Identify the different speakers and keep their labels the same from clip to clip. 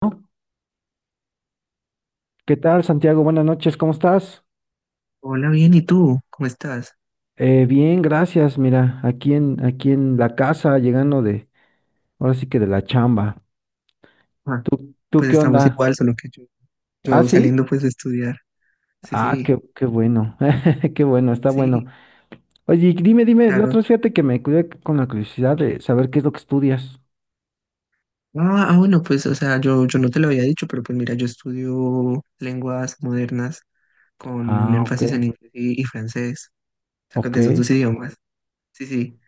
Speaker 1: ¿No? ¿Qué tal, Santiago? Buenas noches, ¿cómo estás?
Speaker 2: Hola, bien, ¿y tú? ¿Cómo estás?
Speaker 1: Bien, gracias. Mira, aquí en la casa, ahora sí que de la chamba.
Speaker 2: Ah,
Speaker 1: ¿Tú
Speaker 2: pues
Speaker 1: qué
Speaker 2: estamos
Speaker 1: onda?
Speaker 2: igual, solo que yo,
Speaker 1: ¿Ah,
Speaker 2: yo
Speaker 1: sí?
Speaker 2: saliendo pues de estudiar. Sí, sí,
Speaker 1: Qué bueno, qué bueno, está bueno.
Speaker 2: sí,
Speaker 1: Oye, y dime, la otra
Speaker 2: claro.
Speaker 1: vez fíjate que me cuidé con la curiosidad de saber qué es lo que estudias.
Speaker 2: Ah, ah, bueno, pues, o sea, yo no te lo había dicho, pero pues mira, yo estudio lenguas modernas con un
Speaker 1: Ah, ok,
Speaker 2: énfasis en inglés y francés, o sea, con
Speaker 1: ok.
Speaker 2: de esos dos idiomas. Sí, sí.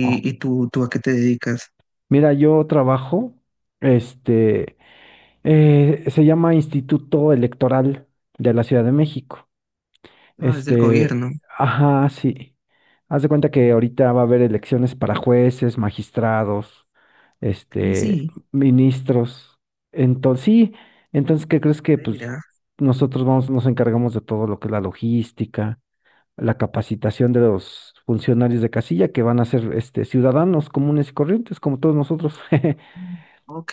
Speaker 1: Oh,
Speaker 2: y tú a qué te dedicas?
Speaker 1: mira, yo trabajo, este, se llama Instituto Electoral de la Ciudad de México.
Speaker 2: Ah, es del gobierno.
Speaker 1: Ajá, sí. Haz de cuenta que ahorita va a haber elecciones para jueces, magistrados,
Speaker 2: Ah,
Speaker 1: este,
Speaker 2: sí,
Speaker 1: ministros. Entonces, sí, entonces, ¿qué crees que pues
Speaker 2: mira.
Speaker 1: nosotros nos encargamos de todo lo que es la logística, la capacitación de los funcionarios de casilla que van a ser este ciudadanos comunes y corrientes, como todos nosotros?
Speaker 2: Mm, ok,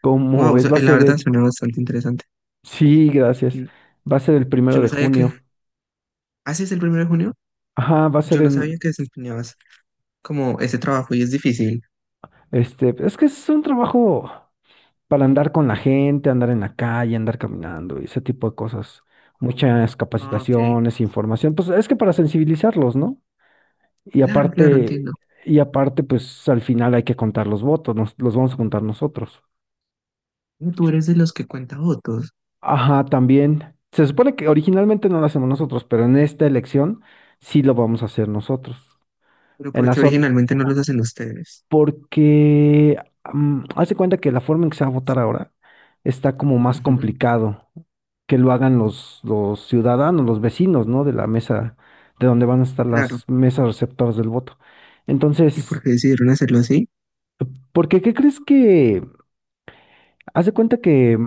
Speaker 1: Como
Speaker 2: wow, o sea,
Speaker 1: ves, va a
Speaker 2: la
Speaker 1: ser
Speaker 2: verdad
Speaker 1: el,
Speaker 2: suena bastante interesante.
Speaker 1: sí, gracias.
Speaker 2: Yo,
Speaker 1: Va a ser el primero
Speaker 2: yo
Speaker 1: de
Speaker 2: no sabía que...
Speaker 1: junio.
Speaker 2: ¿Ah, sí es el primero de junio?
Speaker 1: Ajá, va a ser
Speaker 2: Yo no
Speaker 1: en,
Speaker 2: sabía que desempeñabas como ese trabajo y es difícil.
Speaker 1: este, es que es un trabajo para andar con la gente, andar en la calle, andar caminando y ese tipo de cosas. Muchas
Speaker 2: Ah, ok.
Speaker 1: capacitaciones, información, pues es que para sensibilizarlos, ¿no? Y
Speaker 2: Claro, claro,
Speaker 1: aparte,
Speaker 2: entiendo.
Speaker 1: y aparte, pues al final hay que contar los votos, los vamos a contar nosotros.
Speaker 2: Ah, tú eres de los que cuenta votos,
Speaker 1: Ajá, también. Se supone que originalmente no lo hacemos nosotros, pero en esta elección sí lo vamos a hacer nosotros.
Speaker 2: pero
Speaker 1: En
Speaker 2: ¿por qué
Speaker 1: las, ot-
Speaker 2: originalmente no los hacen ustedes?
Speaker 1: Porque haz de cuenta que la forma en que se va a votar ahora está como más
Speaker 2: Ujú,
Speaker 1: complicado que lo hagan los ciudadanos, los vecinos, ¿no? De la mesa, de donde van a estar
Speaker 2: claro.
Speaker 1: las mesas receptoras del voto.
Speaker 2: ¿Y por
Speaker 1: Entonces,
Speaker 2: qué decidieron hacerlo así?
Speaker 1: porque ¿qué crees que? Haz de cuenta que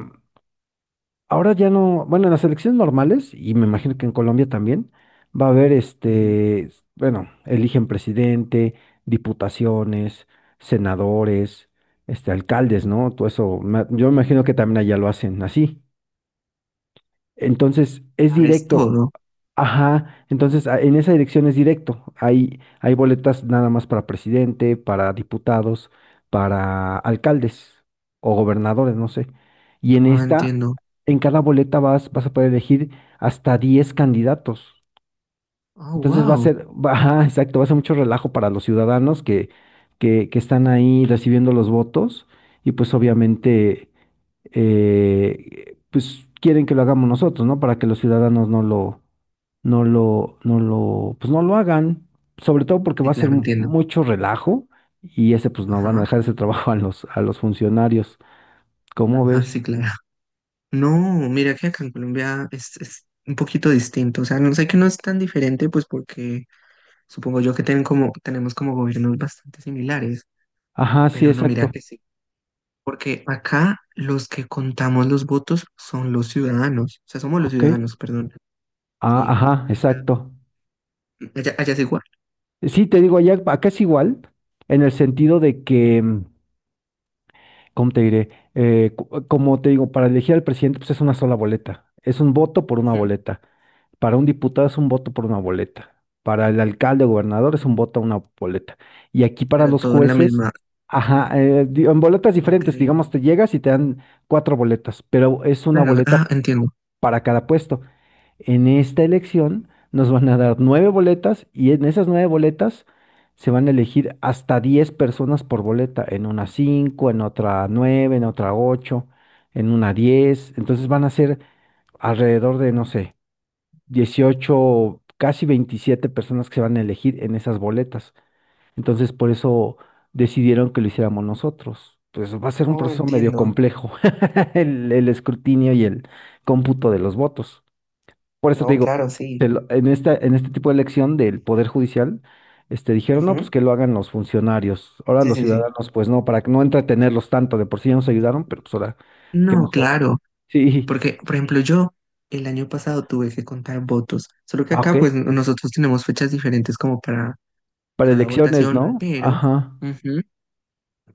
Speaker 1: ahora ya no, bueno, en las elecciones normales, y me imagino que en Colombia también, va a haber
Speaker 2: Ujú.
Speaker 1: bueno, eligen presidente, diputaciones, senadores, alcaldes, ¿no? Todo eso, yo me imagino que también allá lo hacen así. Entonces, es
Speaker 2: Ah, es
Speaker 1: directo.
Speaker 2: todo.
Speaker 1: Ajá, entonces en esa dirección es directo. Hay boletas nada más para presidente, para diputados, para alcaldes o gobernadores, no sé. Y en
Speaker 2: Ah,
Speaker 1: esta,
Speaker 2: entiendo.
Speaker 1: en cada boleta vas a poder elegir hasta 10 candidatos.
Speaker 2: Ah,
Speaker 1: Entonces va a
Speaker 2: wow.
Speaker 1: ser, ajá, exacto, va a ser mucho relajo para los ciudadanos que están ahí recibiendo los votos. Y pues obviamente pues quieren que lo hagamos nosotros, ¿no? Para que los ciudadanos no lo, pues no lo hagan, sobre todo porque va
Speaker 2: Sí,
Speaker 1: a ser
Speaker 2: claro, entiendo.
Speaker 1: mucho relajo y ese, pues no, van a
Speaker 2: Ajá.
Speaker 1: dejar ese trabajo a a los funcionarios. ¿Cómo
Speaker 2: Ajá,
Speaker 1: ves?
Speaker 2: sí, claro. No, mira que acá en Colombia es un poquito distinto. O sea, no sé que no es tan diferente, pues porque supongo yo que tenemos como gobiernos bastante similares.
Speaker 1: Ajá, sí,
Speaker 2: Pero no, mira
Speaker 1: exacto.
Speaker 2: que sí. Porque acá los que contamos los votos son los ciudadanos, o sea, somos los
Speaker 1: Ok.
Speaker 2: ciudadanos, perdón.
Speaker 1: Ah,
Speaker 2: Sí,
Speaker 1: ajá, exacto.
Speaker 2: allá es igual.
Speaker 1: Sí, te digo, allá, acá es igual, en el sentido de que, mm, ¿cómo te diré? Como te digo, para elegir al presidente, pues es una sola boleta. Es un voto por una
Speaker 2: Ujú.
Speaker 1: boleta. Para un diputado es un voto por una boleta. Para el alcalde o gobernador es un voto a una boleta. Y aquí para
Speaker 2: Pero
Speaker 1: los
Speaker 2: todo en la
Speaker 1: jueces,
Speaker 2: misma.
Speaker 1: ajá, en boletas
Speaker 2: Ok,
Speaker 1: diferentes, digamos, te llegas y te dan cuatro boletas, pero es una
Speaker 2: claro,
Speaker 1: boleta
Speaker 2: ah, entiendo.
Speaker 1: para cada puesto. En esta elección nos van a dar nueve boletas y en esas nueve boletas se van a elegir hasta diez personas por boleta. En una cinco, en otra nueve, en otra ocho, en una diez. Entonces van a ser alrededor de, no sé, 18 casi 27 personas que se van a elegir en esas boletas. Entonces, por eso decidieron que lo hiciéramos nosotros. Pues va a ser un
Speaker 2: Oh,
Speaker 1: proceso medio
Speaker 2: entiendo.
Speaker 1: complejo, el escrutinio y el cómputo de los votos. Por eso te
Speaker 2: No,
Speaker 1: digo,
Speaker 2: claro, sí.
Speaker 1: en esta, en este tipo de elección del Poder Judicial, dijeron, no, pues
Speaker 2: Ujú.
Speaker 1: que lo hagan los funcionarios. Ahora
Speaker 2: Sí,
Speaker 1: los
Speaker 2: sí, sí.
Speaker 1: ciudadanos, pues no, para que no entretenerlos tanto, de por sí ya nos ayudaron, pero pues ahora, qué
Speaker 2: No,
Speaker 1: mejor.
Speaker 2: claro,
Speaker 1: Sí,
Speaker 2: porque, por ejemplo, yo el año pasado tuve que contar votos, solo que
Speaker 1: ah, ok,
Speaker 2: acá, pues, nosotros tenemos fechas diferentes como para
Speaker 1: para
Speaker 2: cada
Speaker 1: elecciones,
Speaker 2: votación,
Speaker 1: ¿no?
Speaker 2: pero
Speaker 1: Ajá,
Speaker 2: ujú,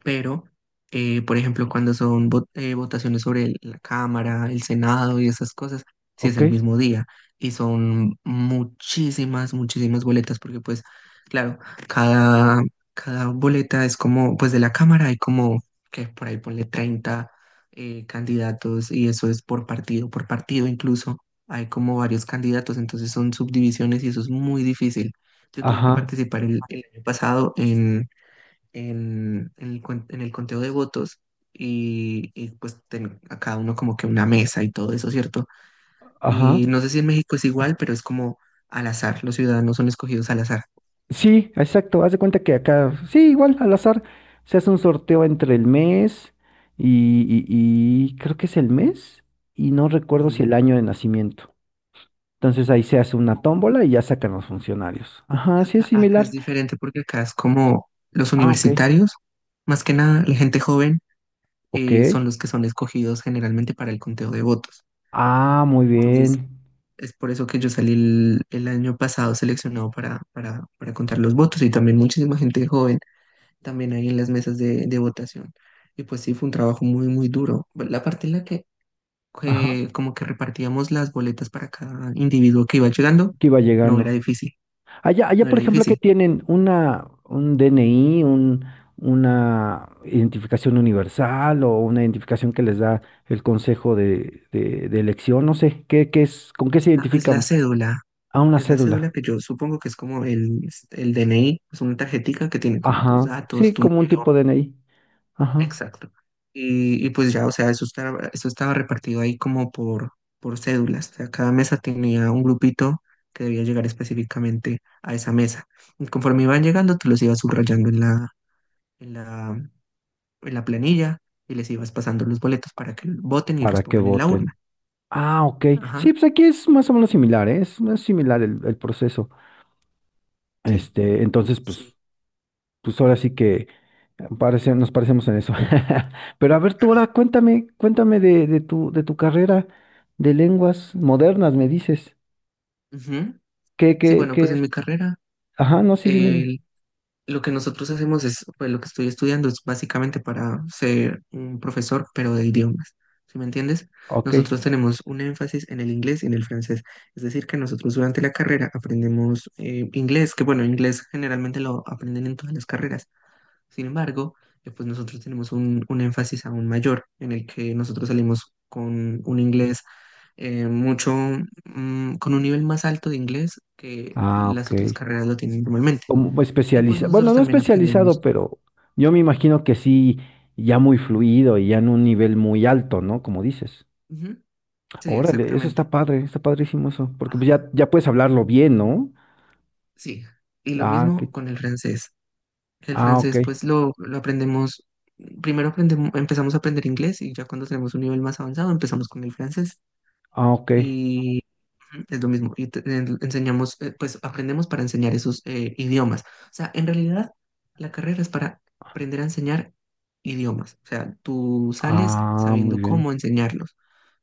Speaker 2: pero, por ejemplo, cuando son votaciones sobre el- la Cámara, el Senado y esas cosas, sí es
Speaker 1: ok.
Speaker 2: el mismo día y son muchísimas, muchísimas boletas, porque pues, claro, cada, cada boleta es como, pues de la Cámara hay como, que por ahí ponle 30 candidatos y eso es por partido incluso. Hay como varios candidatos, entonces son subdivisiones y eso es muy difícil. Yo tuve
Speaker 1: Ajá,
Speaker 2: que participar el año pasado en el conteo de votos y, pues a cada uno como que una mesa y todo eso, ¿cierto?
Speaker 1: ajá.
Speaker 2: Y no sé si en México es igual, pero es como al azar, los ciudadanos son escogidos al azar.
Speaker 1: Sí, exacto. Haz de cuenta que acá, sí, igual, al azar, se hace un sorteo entre el mes y, y- y creo que es el mes y no recuerdo si
Speaker 2: Ujú.
Speaker 1: el año de nacimiento. Entonces ahí se hace una
Speaker 2: Como
Speaker 1: tómbola y ya sacan los funcionarios. Ajá, sí es
Speaker 2: acá es
Speaker 1: similar.
Speaker 2: diferente porque acá es como los
Speaker 1: Ah, ok,
Speaker 2: universitarios, más que nada la gente joven,
Speaker 1: ok.
Speaker 2: son los que son escogidos generalmente para el conteo de votos.
Speaker 1: Ah, muy
Speaker 2: Entonces,
Speaker 1: bien.
Speaker 2: es por eso que yo salí el año pasado seleccionado para contar los votos y también muchísima gente joven también ahí en las mesas de votación. Y pues sí, fue un trabajo muy, muy duro. La parte en la que,
Speaker 1: Ajá,
Speaker 2: que como que repartíamos las boletas para cada individuo que iba llegando,
Speaker 1: aquí va
Speaker 2: no era
Speaker 1: llegando.
Speaker 2: difícil,
Speaker 1: Allá, allá,
Speaker 2: no
Speaker 1: por
Speaker 2: era
Speaker 1: ejemplo, que
Speaker 2: difícil.
Speaker 1: tienen un DNI, una identificación universal o una identificación que les da el consejo de, de elección, no sé, ¿qué, qué es, con qué
Speaker 2: Es
Speaker 1: se
Speaker 2: la, es la
Speaker 1: identifican?
Speaker 2: cédula,
Speaker 1: A una
Speaker 2: es la cédula
Speaker 1: cédula.
Speaker 2: que yo supongo que es como el DNI, es una tarjetica que tiene como tus
Speaker 1: Ajá.
Speaker 2: datos,
Speaker 1: Sí,
Speaker 2: tu
Speaker 1: como un tipo
Speaker 2: número.
Speaker 1: de DNI. Ajá.
Speaker 2: Exacto. Y pues ya, o sea, eso estaba repartido ahí como por cédulas. O sea, cada mesa tenía un grupito que debía llegar específicamente a esa mesa. Y conforme iban llegando, tú los ibas subrayando en la, en la planilla y les ibas pasando los boletos para que voten y los
Speaker 1: Para que
Speaker 2: pongan en la urna.
Speaker 1: voten. Ah, ok.
Speaker 2: Ajá,
Speaker 1: Sí, pues aquí es más o menos similar, ¿eh? Es similar el proceso.
Speaker 2: sí,
Speaker 1: Entonces, pues,
Speaker 2: sí,
Speaker 1: pues ahora sí que nos parecemos en eso. Pero a ver, tú ahora
Speaker 2: claro.
Speaker 1: cuéntame, cuéntame de tu carrera de lenguas modernas, me dices.
Speaker 2: Ujú.
Speaker 1: ¿Qué,
Speaker 2: Sí,
Speaker 1: qué,
Speaker 2: bueno,
Speaker 1: qué
Speaker 2: pues en mi
Speaker 1: es?
Speaker 2: carrera,
Speaker 1: Ajá, no, sí, dime.
Speaker 2: eh, Lo que nosotros hacemos es, pues lo que estoy estudiando es básicamente para ser un profesor, pero de idiomas. ¿Sí me entiendes?
Speaker 1: Ok.
Speaker 2: Nosotros tenemos un énfasis en el inglés y en el francés. Es decir, que nosotros durante la carrera aprendemos inglés, que bueno, inglés generalmente lo aprenden en todas las carreras. Sin embargo, pues nosotros tenemos un énfasis aún mayor en el que nosotros salimos con un inglés mucho, con un nivel más alto de inglés que
Speaker 1: Ah,
Speaker 2: las
Speaker 1: ok.
Speaker 2: otras carreras lo tienen normalmente.
Speaker 1: Como
Speaker 2: Y pues
Speaker 1: especializa, bueno,
Speaker 2: nosotros
Speaker 1: no
Speaker 2: también
Speaker 1: especializado,
Speaker 2: aprendemos.
Speaker 1: pero yo me imagino que sí, ya muy fluido y ya en un nivel muy alto, ¿no? Como dices.
Speaker 2: Ujú, sí,
Speaker 1: Órale, eso está
Speaker 2: exactamente.
Speaker 1: padre, está padrísimo eso, porque pues ya,
Speaker 2: Ajá.
Speaker 1: ya puedes hablarlo bien, ¿no?
Speaker 2: Sí. Y lo
Speaker 1: Ah,
Speaker 2: mismo
Speaker 1: qué,
Speaker 2: con el francés. El
Speaker 1: ah, ok,
Speaker 2: francés, pues lo aprendemos, primero aprendemos, empezamos a aprender inglés y ya cuando tenemos un nivel más avanzado empezamos con el francés.
Speaker 1: ah, ok.
Speaker 2: Y ujú, es lo mismo. Y enseñamos, pues aprendemos para enseñar esos idiomas. O sea, en realidad la carrera es para aprender a enseñar idiomas. O sea, tú sales
Speaker 1: Ah, muy
Speaker 2: sabiendo
Speaker 1: bien.
Speaker 2: cómo enseñarlos,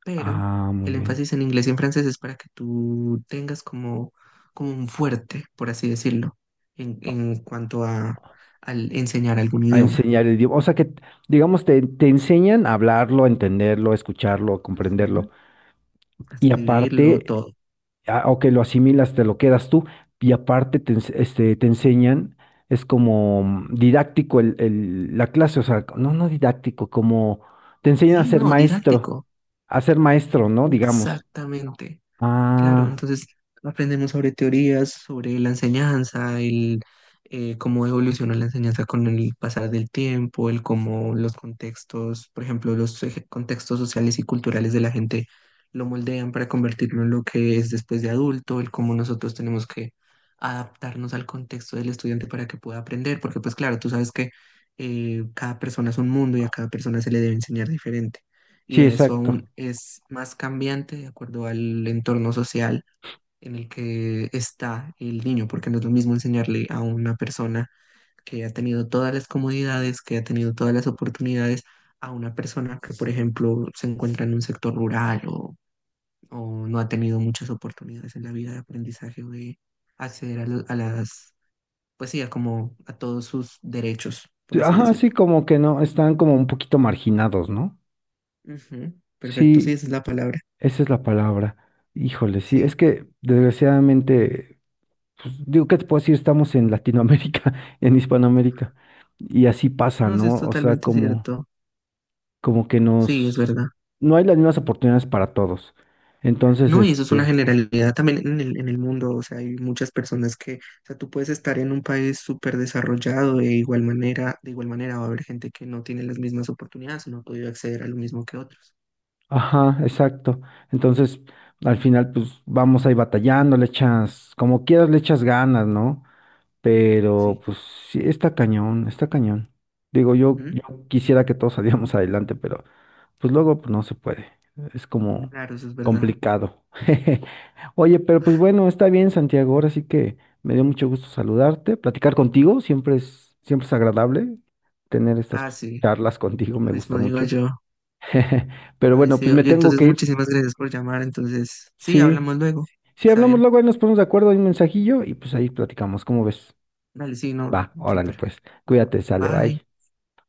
Speaker 2: pero
Speaker 1: Ah, muy
Speaker 2: el
Speaker 1: bien.
Speaker 2: énfasis en inglés y en francés es para que tú tengas como un fuerte, por así decirlo, en,
Speaker 1: O-
Speaker 2: en cuanto a al enseñar algún
Speaker 1: A
Speaker 2: idioma.
Speaker 1: enseñar el idioma. O sea que, digamos, te enseñan a hablarlo, a entenderlo, a escucharlo, a
Speaker 2: Ujú,
Speaker 1: comprenderlo.
Speaker 2: a
Speaker 1: Y
Speaker 2: escribirlo,
Speaker 1: aparte,
Speaker 2: todo.
Speaker 1: ah, o que lo asimilas, te lo quedas tú. Y aparte te enseñan, es como mm, didáctico la clase, o sea, no, no didáctico, como te enseñan
Speaker 2: Sí, no, didáctico.
Speaker 1: a ser maestro, ¿no? Digamos.
Speaker 2: Exactamente. Claro,
Speaker 1: Ah,
Speaker 2: entonces aprendemos sobre teorías, sobre la enseñanza, el cómo evoluciona la enseñanza con el pasar del tiempo, el cómo los contextos, por ejemplo, los contextos sociales y culturales de la gente lo moldean para convertirlo en lo que es después de adulto, el cómo nosotros tenemos que adaptarnos al contexto del estudiante para que pueda aprender, porque pues claro, tú sabes que cada persona es un mundo y a cada persona se le debe enseñar diferente
Speaker 1: sí,
Speaker 2: y eso
Speaker 1: exacto.
Speaker 2: aún es más cambiante de acuerdo al entorno social en el que está el niño, porque no es lo mismo enseñarle a una persona que ha tenido todas las comodidades, que ha tenido todas las oportunidades, a una persona que, por ejemplo, se encuentra en un sector rural o no ha tenido muchas oportunidades en la vida de aprendizaje o de acceder a las, pues sí, a como a todos sus derechos, por
Speaker 1: Sí,
Speaker 2: así
Speaker 1: ajá, sí,
Speaker 2: decirlo.
Speaker 1: como que no, están como un poquito marginados, ¿no?
Speaker 2: Ujú, perfecto, sí,
Speaker 1: Sí,
Speaker 2: esa es la palabra.
Speaker 1: esa es la palabra. Híjole, sí, es
Speaker 2: Sí,
Speaker 1: que desgraciadamente, pues, digo, ¿qué te puedo decir? Estamos en Latinoamérica, en Hispanoamérica, y así pasa,
Speaker 2: no, sí, es
Speaker 1: ¿no? O sea,
Speaker 2: totalmente
Speaker 1: como,
Speaker 2: cierto.
Speaker 1: como que
Speaker 2: Sí, es
Speaker 1: nos,
Speaker 2: verdad.
Speaker 1: no hay las mismas oportunidades para todos. Entonces,
Speaker 2: No, y eso es una
Speaker 1: este,
Speaker 2: generalidad también en el mundo. O sea, hay muchas personas que, o sea, tú puedes estar en un país súper desarrollado de igual manera va a haber gente que no tiene las mismas oportunidades o no ha podido acceder a lo mismo que otros.
Speaker 1: ajá, exacto. Entonces, al final, pues vamos ahí batallando, le echas, como quieras, le echas ganas, ¿no? Pero
Speaker 2: Sí.
Speaker 1: pues sí, está cañón, está cañón. Digo,
Speaker 2: ¿Mm?
Speaker 1: yo quisiera que todos saliéramos adelante, pero pues luego pues, no se puede. Es como
Speaker 2: Claro, eso es verdad.
Speaker 1: complicado. Oye, pero pues bueno, está bien, Santiago. Ahora sí que me dio mucho gusto saludarte, platicar contigo. Siempre es agradable tener estas
Speaker 2: Ah,
Speaker 1: pues,
Speaker 2: sí,
Speaker 1: charlas contigo, me
Speaker 2: lo
Speaker 1: gusta
Speaker 2: mismo digo
Speaker 1: mucho.
Speaker 2: yo.
Speaker 1: Pero
Speaker 2: Ay,
Speaker 1: bueno,
Speaker 2: sí,
Speaker 1: pues me
Speaker 2: oye,
Speaker 1: tengo
Speaker 2: entonces
Speaker 1: que ir.
Speaker 2: muchísimas gracias por llamar. Entonces, sí,
Speaker 1: Sí.
Speaker 2: hablamos luego.
Speaker 1: Sí,
Speaker 2: Está
Speaker 1: hablamos
Speaker 2: bien.
Speaker 1: luego, ahí nos ponemos de acuerdo, hay un mensajillo y pues ahí platicamos. ¿Cómo ves?
Speaker 2: Dale, sí, no,
Speaker 1: Va, órale,
Speaker 2: súper.
Speaker 1: pues.
Speaker 2: Bueno,
Speaker 1: Cuídate, sale,
Speaker 2: bye.
Speaker 1: bye.